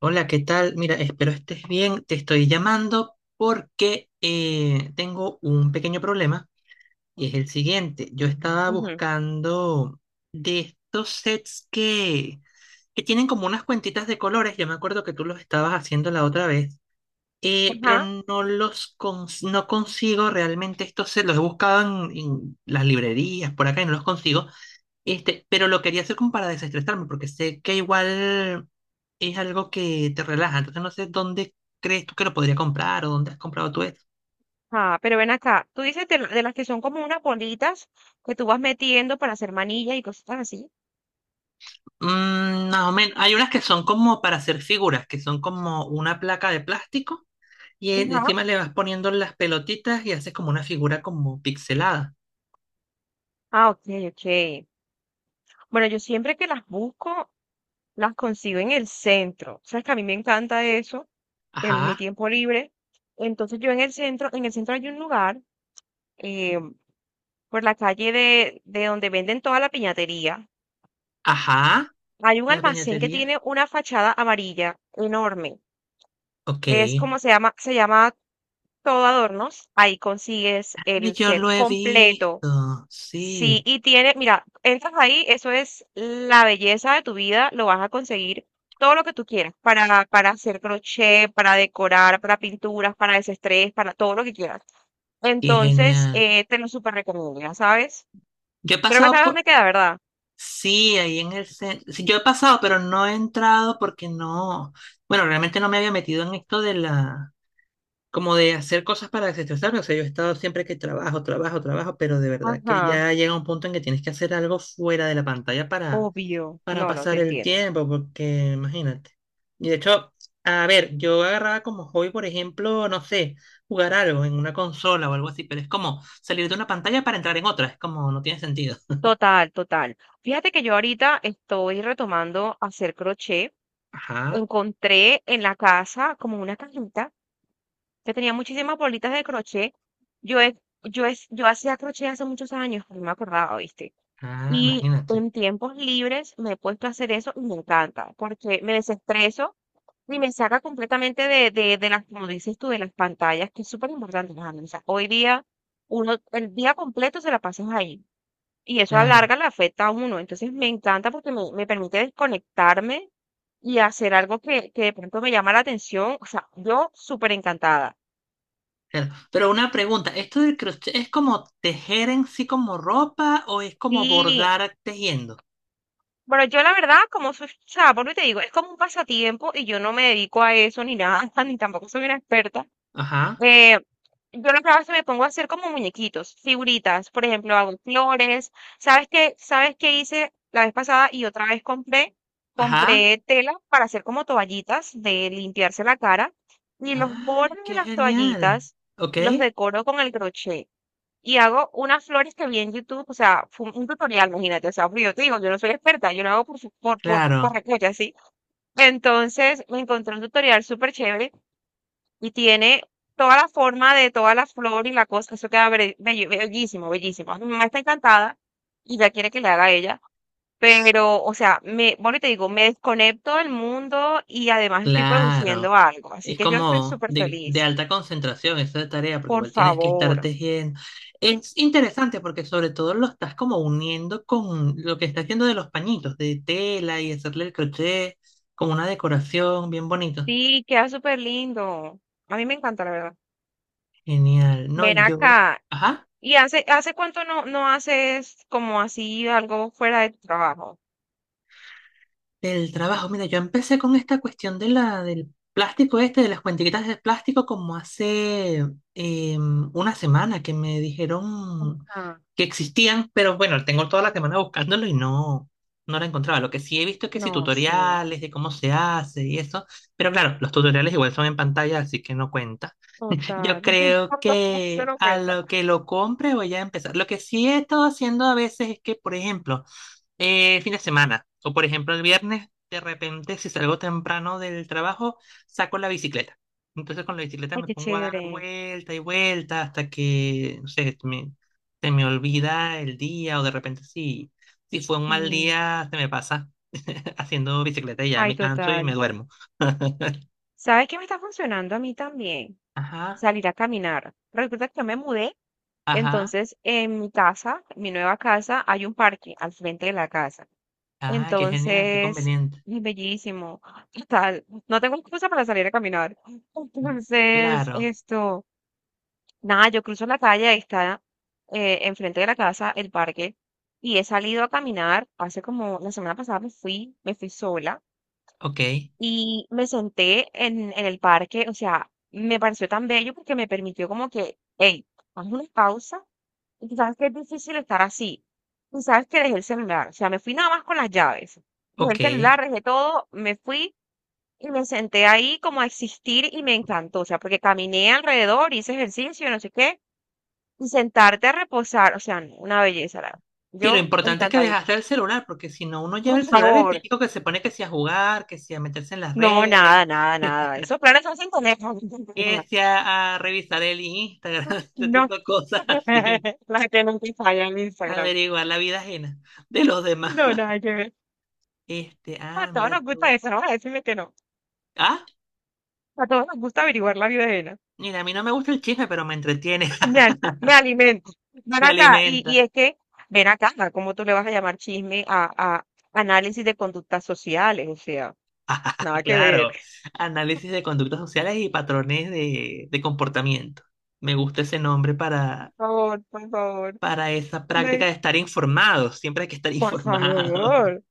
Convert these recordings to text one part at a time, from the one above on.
Hola, ¿qué tal? Mira, espero estés bien. Te estoy llamando porque tengo un pequeño problema y es el siguiente. Yo estaba Ujú. buscando de estos sets que tienen como unas cuentitas de colores. Yo me acuerdo que tú los estabas haciendo la otra vez, Ajá, pero no consigo realmente estos sets. Los he buscado en las librerías por acá y no los consigo. Este, pero lo quería hacer como para desestresarme, porque sé que igual es algo que te relaja. Entonces no sé dónde crees tú que lo podría comprar o dónde has comprado tú esto. ajá, pero ven acá, tú dices de de las que son como unas bolitas que tú vas metiendo para hacer manillas y cosas así. Mm, más o menos. Hay unas que son como para hacer figuras, que son como una placa de plástico y Ajá. encima le vas poniendo las pelotitas y haces como una figura como pixelada. Ah, ok, ok. Bueno, yo siempre que las busco, las consigo en el centro. Sabes que a mí me encanta eso, en mi Ajá, tiempo libre. Entonces yo en el centro hay un lugar, eh, por la calle de donde venden toda la piñatería. ajá, Hay un la almacén que piñatería. tiene una fachada amarilla enorme. Ok. Es Y como se llama Todo Adornos. Ahí consigues el yo lo set he completo. visto, Sí, sí, y tiene, mira, entras ahí, eso es la belleza de tu vida, lo vas a conseguir todo lo que tú quieras, para hacer crochet, para decorar, para pinturas, para desestrés, para todo lo que quieras. qué Entonces, genial. Te lo súper recomiendo, ya sabes. Yo he Creo que pasado sabes por, dónde queda, ¿verdad? sí, ahí en el centro. Yo he pasado, pero no he entrado porque no. Bueno, realmente no me había metido en esto de la. Como de hacer cosas para desestresarme. O sea, yo he estado siempre que trabajo, trabajo, trabajo, pero de verdad que Ajá, ya llega un punto en que tienes que hacer algo fuera de la pantalla obvio. para No, no, te pasar el entiendo. tiempo, porque imagínate. Y de hecho, a ver, yo agarraba como hobby, por ejemplo, no sé, jugar algo en una consola o algo así, pero es como salir de una pantalla para entrar en otra. Es como no tiene sentido. Total, total. Fíjate que yo ahorita estoy retomando hacer crochet. Ajá. Encontré en la casa como una cajita que tenía muchísimas bolitas de crochet. Yo, he- yo hacía crochet hace muchos años, no me acordaba, ¿viste? Ah, Y imagínate. en tiempos libres me he puesto a hacer eso y me encanta, porque me desestreso y me saca completamente de las, como dices tú, de las pantallas, que es súper importante, Alejandro. O sea, hoy día, uno, el día completo se la pasas ahí. Y eso a la Claro, larga le afecta a uno. Entonces me encanta porque me permite desconectarme y hacer algo que de pronto me llama la atención. O sea, yo súper encantada. claro. Pero una pregunta, ¿esto del crochet es como tejer en sí como ropa o es como Sí. bordar tejiendo? Bueno, yo la verdad, como soy, o sea, por lo que te digo, es como un pasatiempo y yo no me dedico a eso ni nada, ni tampoco soy una experta. Ajá, Eh, yo lo que hago es que me pongo a hacer como muñequitos, figuritas, por ejemplo, hago flores. ¿Sabes qué? ¿Sabes qué hice la vez pasada y otra vez compré? ajá. Compré tela para hacer como toallitas de limpiarse la cara, y los ¡Ay, bordes de qué las genial! toallitas ¿Ok? los decoro con el crochet, y hago unas flores que vi en YouTube. O sea, fue un tutorial, imagínate. O sea, porque yo te digo, yo no soy experta, yo lo hago por, su- por Claro, recocha, ¿sí? Entonces me encontré un tutorial súper chévere y tiene toda la forma de toda la flor y la cosa. Eso queda bellísimo, bellísimo. Mi mamá está encantada y ya quiere que le haga a ella, pero, o sea, bueno, y te digo, me desconecto del mundo y además estoy produciendo claro. algo, así Es que yo estoy como súper de feliz. alta concentración esa tarea, porque Por igual tienes que estar favor. tejiendo. Es interesante porque sobre todo lo estás como uniendo con lo que estás haciendo de los pañitos, de tela y hacerle el crochet como una decoración bien bonito. Sí, queda súper lindo. A mí me encanta, la verdad. Genial. No, Ven yo, acá. ajá, ¿Y hace, hace cuánto no, no haces como así algo fuera de tu trabajo? del trabajo. Mira, yo empecé con esta cuestión del plástico este, de las cuentiquitas de plástico, como hace eh, una semana que me dijeron Ah, que existían, pero bueno, tengo toda la semana buscándolo y no, no la encontraba. Lo que sí he visto es que sí, no, sí, tutoriales de cómo se hace y eso, pero claro, los tutoriales igual son en pantalla, así que no cuenta. Yo total. creo Se que lo a cuenta. lo que lo compre voy a empezar. Lo que sí he estado haciendo a veces es que, por ejemplo, fin de semana. O por ejemplo, el viernes, de repente, si salgo temprano del trabajo, saco la bicicleta. Entonces con la bicicleta Ay, me qué pongo a dar chévere. vuelta y vuelta hasta que, no sé, me, se me olvida el día o de repente si fue un mal Sí. día, se me pasa haciendo bicicleta y ya Ay, me canso y me total. duermo. ¿Sabes qué me está funcionando a mí también? Ajá, Salir a caminar. Resulta que yo me mudé, ajá. entonces en mi casa, mi nueva casa, hay un parque al frente de la casa. Ah, qué genial, qué Entonces, conveniente. es bellísimo. Total, no tengo excusa para salir a caminar. Entonces, Claro. esto, nada, yo cruzo la calle, ahí está, enfrente de la casa, el parque, y he salido a caminar. Hace como la semana pasada me fui sola Ok, y me senté en el parque. O sea, me pareció tan bello porque me permitió como que, hey, haz una pausa, y tú sabes que es difícil estar así. Tú sabes que dejé el celular. O sea, me fui nada más con las llaves. Dejé el ok. celular, dejé todo, me fui y me senté ahí como a existir, y me encantó. O sea, porque caminé alrededor, hice ejercicio, no sé qué. Y sentarte a reposar, o sea, no, una belleza. Verdad. Sí, lo Yo importante es que encantadísima. dejaste el celular, porque si no uno Por lleva el celular, el favor. típico que se pone que si a jugar, que si a meterse en las No, redes, nada, nada, nada. Esos planes se hacen con eso. que si a revisar el Instagram, ese No. tipo de cosas así, La gente nunca falla en Instagram. averiguar la vida ajena de los demás. No, nada que ver. Este, A ah, todos mira nos gusta tú. eso, no voy a decirle que no. Ah, A todos nos gusta averiguar la vida ajena. mira, a mí no me gusta el chisme, pero me entretiene, Me alimento. Ven me acá. Alimenta. Ven acá, ¿no? ¿Cómo tú le vas a llamar chisme a análisis de conductas sociales? O sea, nada que ver. Claro, análisis de conductas sociales y patrones de comportamiento. Me gusta ese nombre Por favor, por favor. para esa práctica Me- de estar informado. Siempre hay que estar por informado. favor.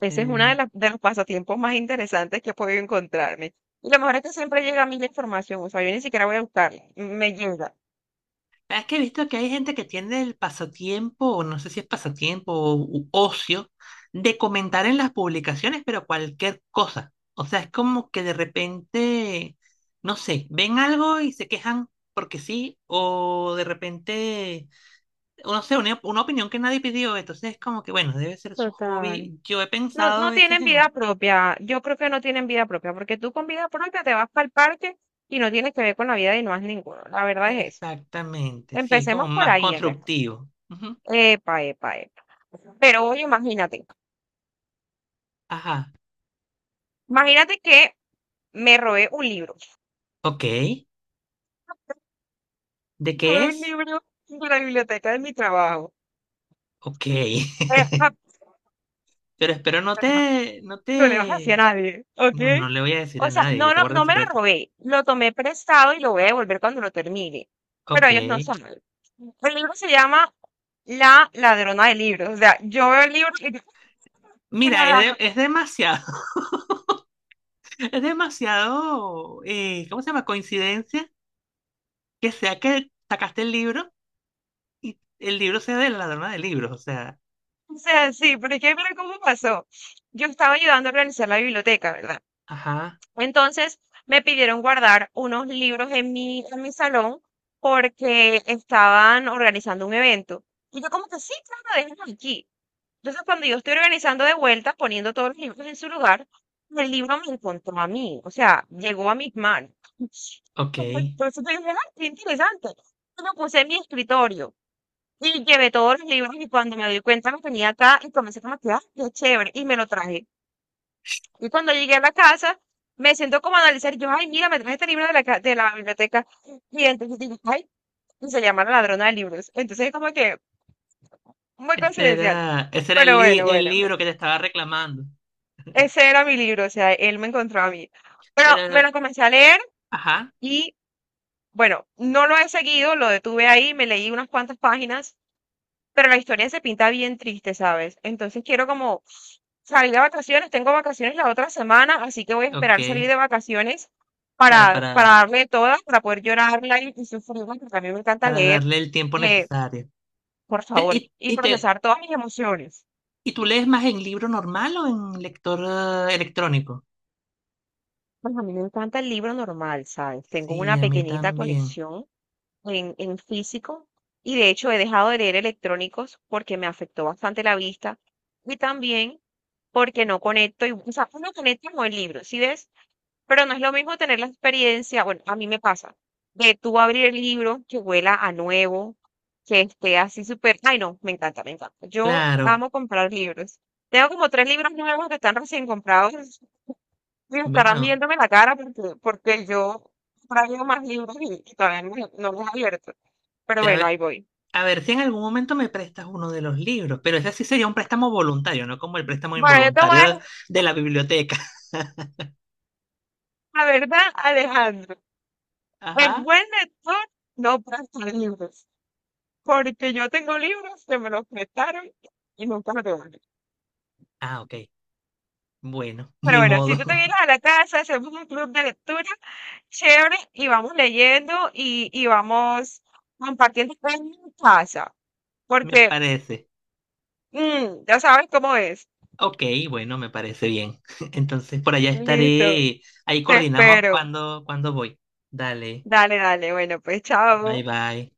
Ese es uno de Eh, de los pasatiempos más interesantes que he podido encontrarme. Y lo mejor es que siempre llega a mí la información. O sea, yo ni siquiera voy a buscarla. Me llega. es que he visto que hay gente que tiene el pasatiempo, o no sé si es pasatiempo o ocio, de comentar en las publicaciones, pero cualquier cosa. O sea, es como que de repente, no sé, ven algo y se quejan porque sí, o de repente, no sé, una opinión que nadie pidió. Entonces es como que, bueno, debe ser su Total. hobby. Yo he No, pensado a no veces tienen en vida propia. Yo creo que no tienen vida propia, porque tú con vida propia te vas para el parque y no tienes que ver con la vida de no has ninguno. La verdad es eso. exactamente, sí, es como Empecemos por más ahí, Alejandro. constructivo. Ujú. Epa, epa, epa. Pero oye, imagínate, Ajá, imagínate que me robé un libro. ok. ¿De Me qué robé un es? libro de la biblioteca de mi trabajo. Ok. Eh, Pero espero ja, no No le bajaste a te, nadie, ¿ok? no, no le voy a decir O a sea, nadie, yo no, te no, guardo no el me lo secreto. robé, lo tomé prestado y lo voy a devolver cuando lo termine. Pero Ok. ellos no saben. El libro se llama La Ladrona de Libros. O sea, yo veo el libro y me lo Mira, agarro. Es demasiado, es demasiado, ¿cómo se llama? Coincidencia que sea que sacaste el libro y el libro sea de La Ladrona de Libros, o sea, O sea, sí, pero es que mira cómo pasó. Yo estaba ayudando a organizar la biblioteca, ¿verdad? ajá, Entonces me pidieron guardar unos libros en mi salón porque estaban organizando un evento. Y yo como que sí, claro, déjenlos aquí. Entonces cuando yo estoy organizando de vuelta, poniendo todos los libros en su lugar, el libro me encontró a mí, o sea, llegó a mis manos. ok. Por eso te dije, "Ah, qué interesante". Yo lo puse en mi escritorio y llevé todos los libros, y cuando me doy cuenta los tenía acá y comencé como que, ah, qué chévere, y me lo traje. Y cuando llegué a la casa, me siento como a analizar. Yo, ay, mira, me traje este libro de la biblioteca. Y entonces digo, ay, y se llama La Ladrona de Libros. Entonces es como que muy coincidencial. Ese era Pero bueno, el bueno, bueno. libro que te estaba reclamando, Ese era mi libro, o sea, él me encontró a mí. Pero me pero, lo comencé a leer ajá. y, bueno, no lo he seguido, lo detuve ahí, me leí unas cuantas páginas. Pero la historia se pinta bien triste, ¿sabes? Entonces quiero como salir de vacaciones, tengo vacaciones la otra semana, así que voy a Ok, esperar salir de vacaciones claro, para darle todas, para poder llorarla y sufrirla, porque a mí me encanta para leer. darle el tiempo eh, necesario. por Te- favor, y, y y te, procesar todas mis emociones. ¿Y tú lees más en libro normal o en lector electrónico? Pues a mí me encanta el libro normal, ¿sabes? Tengo Sí, una a mí pequeñita también. colección en físico, y de hecho he dejado de leer electrónicos porque me afectó bastante la vista, y también porque no conecto. Y, o sea, uno conecta con el libro, ¿sí ves? Pero no es lo mismo tener la experiencia, bueno, a mí me pasa, de tú abrir el libro que huela a nuevo, que esté así súper, ay no, me encanta, me encanta. Yo Claro, amo comprar libros. Tengo como tres libros nuevos que están recién comprados, y estarán bueno, viéndome la cara porque, porque yo traigo más libros y todavía no, no los he abierto. Pero a bueno, ahí ver, voy. a ver si en algún momento me prestas uno de los libros, pero ese sí sería un préstamo voluntario, no como el préstamo Bueno, yo te voy involuntario a decir de la biblioteca. la verdad, Alejandro. El Ajá. buen lector no presta libros. Porque yo tengo libros que me los prestaron y nunca me devuelven. Ah, ok, bueno, Pero ni bueno, si modo, tú te vienes a la casa, hacemos un club de lectura chévere y vamos leyendo y vamos compartiendo en mi casa. me Porque parece. Ya sabes cómo es. Ok, bueno, me parece bien. Entonces, por allá Listo, estaré. Ahí te coordinamos espero. cuando, cuando voy. Dale, Dale, dale. Bueno, pues bye chao. bye.